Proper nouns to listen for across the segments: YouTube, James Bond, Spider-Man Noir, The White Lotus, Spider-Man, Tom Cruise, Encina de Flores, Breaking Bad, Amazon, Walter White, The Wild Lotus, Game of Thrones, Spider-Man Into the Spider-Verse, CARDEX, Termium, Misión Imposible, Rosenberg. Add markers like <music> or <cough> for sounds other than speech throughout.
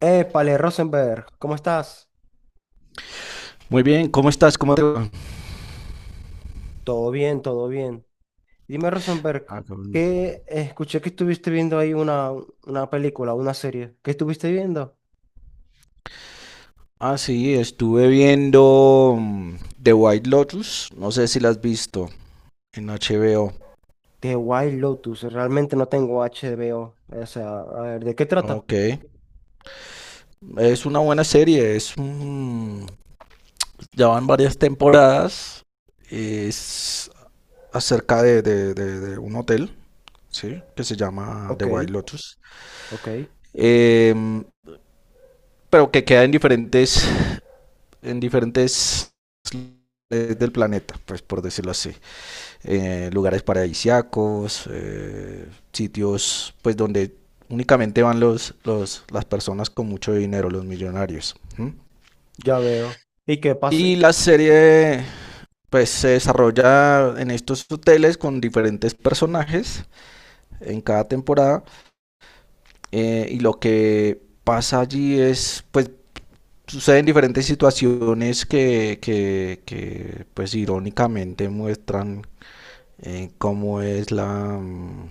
Épale, Rosenberg, ¿cómo estás? Muy bien, ¿cómo estás? ¿Cómo te va? Todo bien, todo bien. Dime, Rosenberg, Ah, cabrón. que escuché que estuviste viendo ahí una película, una serie. ¿Qué estuviste viendo? Ah, sí, estuve viendo The White Lotus. No sé si la has visto en HBO. The Wild Lotus. Realmente no tengo H HBO. O sea, a ver, ¿de qué trata? Ok. Es una buena serie. Ya van varias temporadas. Es acerca de un hotel, ¿sí? Que se llama The Ok, White Lotus. ok, Em, pero que queda en en diferentes del planeta, pues por decirlo así. Lugares paradisíacos, sitios pues donde únicamente van las personas con mucho dinero, los millonarios. ¿Mm? ya veo. ¿Y qué pasa? Y la serie pues se desarrolla en estos hoteles con diferentes personajes en cada temporada, y lo que pasa allí es pues suceden diferentes situaciones que pues irónicamente muestran cómo es mm,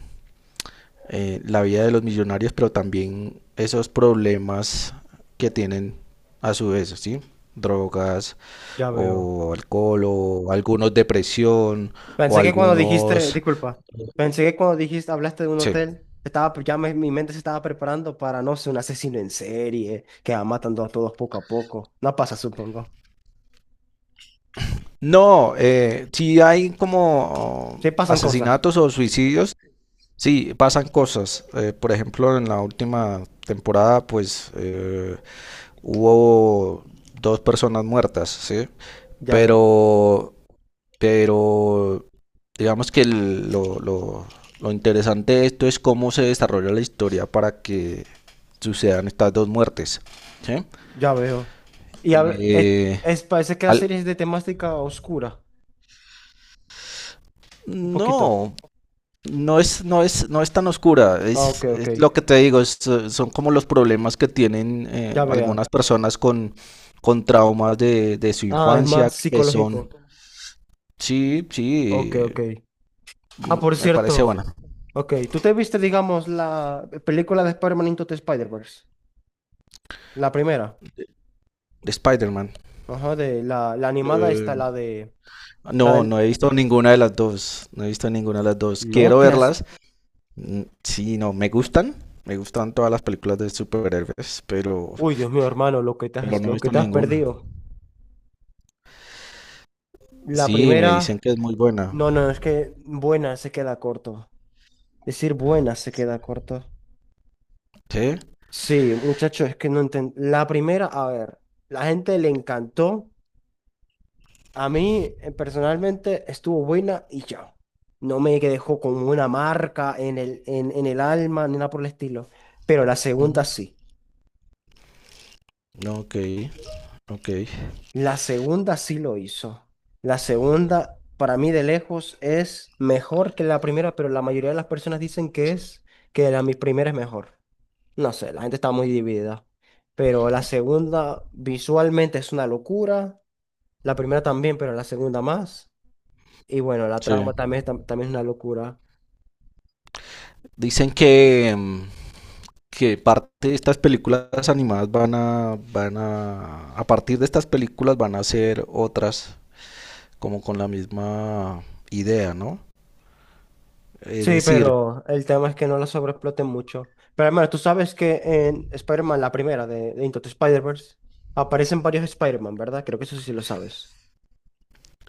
la vida de los millonarios, pero también esos problemas que tienen a su vez, ¿sí? Drogas Ya veo. o alcohol o algunos depresión o Pensé que cuando dijiste, algunos... disculpa, pensé que cuando dijiste, hablaste de un Sí. hotel, estaba, mi mente se estaba preparando para, no sé, un asesino en serie que va matando a todos poco a poco. No pasa, supongo. No, sí hay como Sí pasan cosas. asesinatos o suicidios, sí, pasan cosas. Por ejemplo, en la última temporada, pues hubo dos personas muertas, ¿sí? Ya veo, Pero Pero digamos que lo interesante de esto es cómo se desarrolla la historia para que sucedan estas dos muertes, ¿sí? ya veo. Y Eh, parece que la al- serie es de temática oscura, un poquito. no, no es tan oscura. Ah, ok, Es ok. lo que te digo, es, son como los problemas que tienen Ya veo. algunas personas con traumas de su Ah, es infancia, más que son... psicológico. Sí, Ok, sí, ok. Ah, por me parece cierto. buena. Ok, ¿tú te viste, digamos, la película de Spider-Man Into the Spider-Verse? La primera. De Spider-Man. Ajá, de la animada Eh, está la de. La No, no del. he visto ninguna de las dos. No he visto ninguna de las dos. No Quiero te has. verlas. Sí, no, me gustan. Me gustan todas las películas de superhéroes, Uy, Dios mío, hermano, lo que te pero has, no he lo que visto te has ninguna. perdido. La Sí, me dicen primera. que es muy buena. No, no, es que buena se queda corto. Decir buena se queda corto. ¿Sí? Sí, muchacho, es que no entiendo. La primera, a ver, la gente le encantó. A mí, personalmente, estuvo buena y ya. No me dejó con una marca en el alma ni nada por el estilo. Pero la Ujú. segunda sí. Ok, ok. La segunda sí lo hizo. La segunda, para mí de lejos, es mejor que la primera, pero la mayoría de las personas dicen que es, que la mi primera es mejor. No sé, la gente está muy dividida. Pero la segunda visualmente es una locura. La primera también, pero la segunda más. Y bueno, la Sí. trama también, es también es una locura. Dicen que parte de estas películas animadas van a partir de estas películas van a hacer otras como con la misma idea, ¿no? Es Sí, decir, pero el tema es que no la sobreexploten mucho. Pero hermano, tú sabes que en Spider-Man, la primera de Into the Spider-Verse, aparecen varios Spider-Man, ¿verdad? Creo que eso sí lo sabes.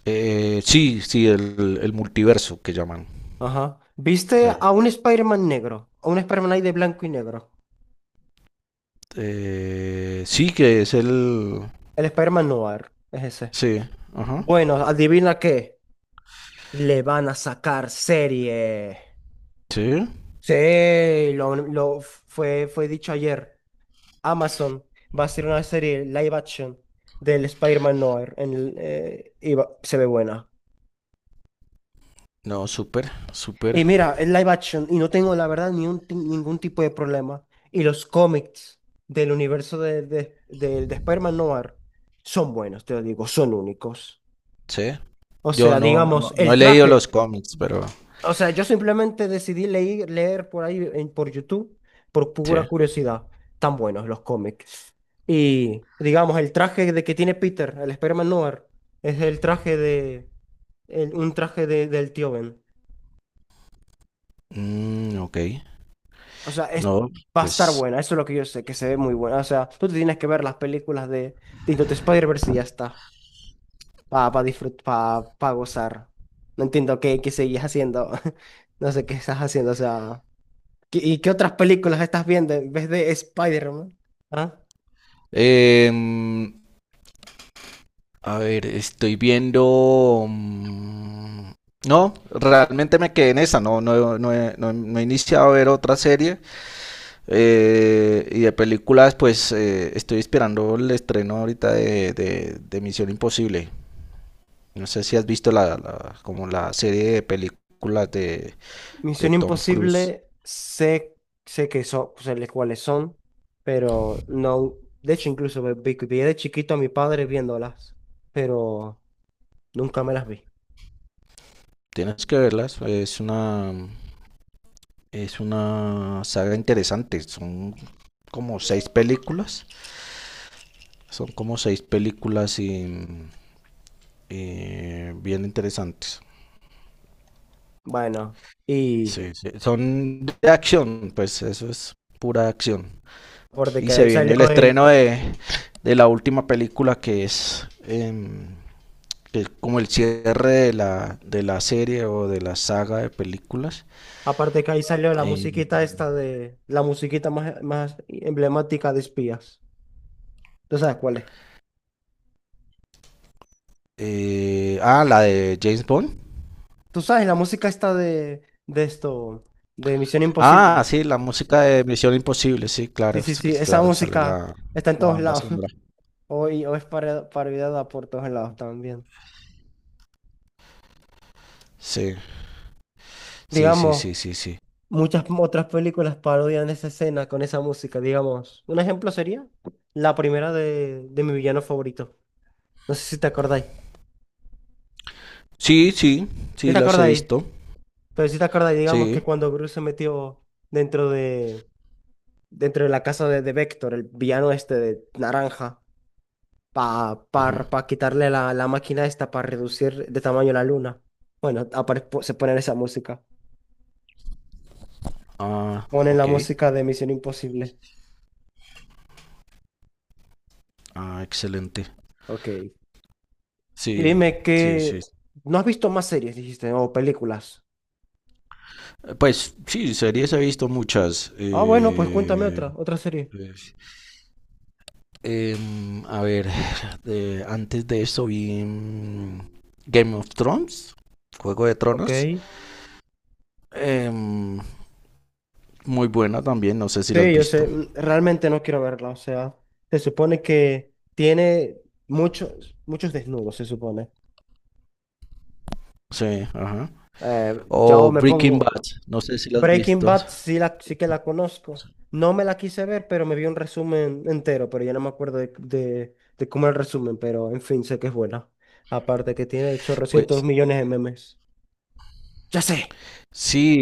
Sí, sí, el multiverso que llaman. Ajá. ¿Viste Eh, a un Spider-Man negro? A un Spider-Man ahí de blanco y negro. Sí, que es el... El Spider-Man Noir. Es ese. Sí, ajá, Bueno, adivina qué. Le van a sacar serie. sí. Sí, lo fue dicho ayer. Amazon va a hacer una serie live action del Spider-Man Noir. En el, se ve buena. No, súper, súper, Y mira, es live action y no tengo la verdad ni un ti- ningún tipo de problema. Y los cómics del universo de Spider-Man Noir son buenos, te lo digo, son únicos. sí. O Yo sea, digamos, no el he leído los traje. cómics, pero... O sea, yo simplemente decidí leer, leer por ahí en, por YouTube, por Sí. pura curiosidad. Tan buenos los cómics. Y digamos, el traje de que tiene Peter, el Spider-Man Noir, es el traje de un traje del tío Ben. Mm, ok, O sea, es, no, va a estar pues... buena, eso es lo que yo sé, que se ve muy buena. O sea, tú te tienes que ver las películas de Into the Spider-Verse y ya está, para disfrutar, para gozar. No entiendo qué seguís haciendo, <laughs> no sé qué estás haciendo, o sea, ¿y qué otras películas estás viendo en vez de Spider-Man? ¿Ah? em, a ver, estoy viendo... No, realmente me quedé en esa, no he iniciado a ver otra serie. Y de películas, pues estoy esperando el estreno ahorita de Misión Imposible. No sé si has visto como la serie de películas de Misión Tom Cruise. Imposible, sé, sé que son, cuáles son, pero no, de hecho incluso me vi de chiquito a mi padre viéndolas, pero nunca me las vi. Tienes que verlas. Es una saga interesante. Son como seis películas. Son como seis películas y bien interesantes. Bueno, y Sí, sí. Son de acción, pues eso es pura acción. aparte Y que se ahí viene el salió el, estreno de la última película que es, que es como el cierre de la serie o de la saga de películas. aparte que ahí salió la Em, musiquita esta de, la musiquita más, más emblemática de espías. ¿Tú sabes cuál es? La de James Bond. ¿Tú sabes la música esta de esto, de Misión Ah, Imposible? sí, la música de Misión Imposible, sí, Sí, claro, sí, sí, sí, esa claro, sale música la, está en la todos banda lados. sonora. <laughs> Hoy, o es parodiada por todos lados también. Sí, sí, sí, Digamos, sí, sí, sí. muchas otras películas parodian esa escena con esa música, digamos. Un ejemplo sería la primera de mi villano favorito. No sé si te acordáis. Sí, sí, ¿Sí sí, te las he acordáis? visto. Pero si te acordáis, digamos Sí. que cuando Bruce se metió dentro de, dentro de la casa de Vector, el villano este de naranja, para pa, Ujú. pa pa quitarle la máquina esta para reducir de tamaño la luna. Bueno, se ponen esa música. Ah, Ponen la ok. música de Misión Imposible. Ah, excelente. Ok. Y Sí, dime sí, que sí. no has visto más series, dijiste, o películas. Pues sí, series he visto muchas. Ah, bueno, pues cuéntame otra, otra serie. pues, a ver, de- antes de eso vi Game of Thrones, Juego de Ok. Tronos. em, Muy buena también, no sé si la has Sí, yo visto. sé, mm, realmente no quiero verla, o sea, se supone que tiene muchos, muchos desnudos, se supone. Sí, ajá. Eh, yo O me Breaking Bad, pongo, no sé si la has Breaking visto. Bad sí, la, sí que la conozco, no me la quise ver, pero me vi un resumen entero, pero ya no me acuerdo de cómo era el resumen, pero en fin, sé que es buena. Aparte que tiene 800 Pues millones de memes. Ya sé. sí,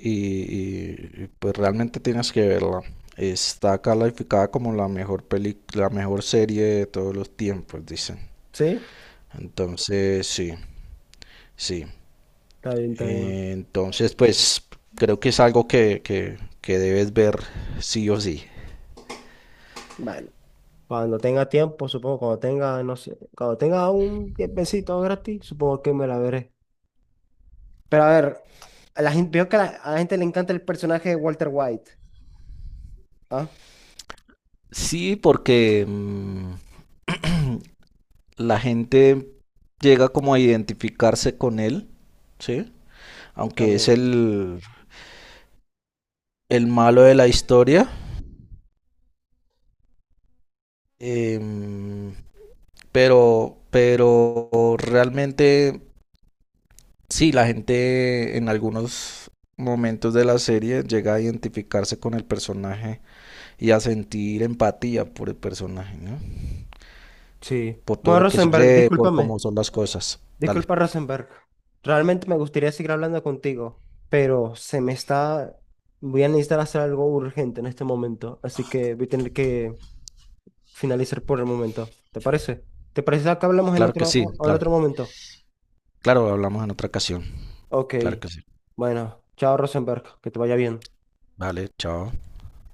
pues realmente tienes que verla. Está calificada como la mejor peli, la mejor serie de todos los tiempos, dicen. ¿Sí? Entonces, sí, sí. Está bien, está bien. Entonces, pues creo que es algo que debes ver sí o sí. Bueno, cuando tenga tiempo, supongo, cuando tenga, no sé, cuando tenga un tiempecito gratis, supongo que me la veré. Pero a ver, a la gente, veo que a la gente le encanta el personaje de Walter White. Ah, Sí, porque <clears throat> la gente llega como a identificarse con él, ¿sí? ya Aunque es veo. El malo de la historia, em, pero realmente sí, la gente en algunos momentos de la serie llega a identificarse con el personaje y a sentir empatía por el personaje, ¿no? Sí. Por todo Bueno, lo que Rosenberg, sucede, por discúlpame. cómo son las cosas. Dale. Disculpa, Rosenberg. Realmente me gustaría seguir hablando contigo, pero se me está... Voy a necesitar hacer algo urgente en este momento, así que voy a tener que finalizar por el momento. ¿Te parece? ¿Te parece que hablamos en Claro que otro, sí, en claro. otro momento? Claro, hablamos en otra ocasión. Ok. Claro que sí. Bueno, chao, Rosenberg. Que te vaya bien. Vale, chao.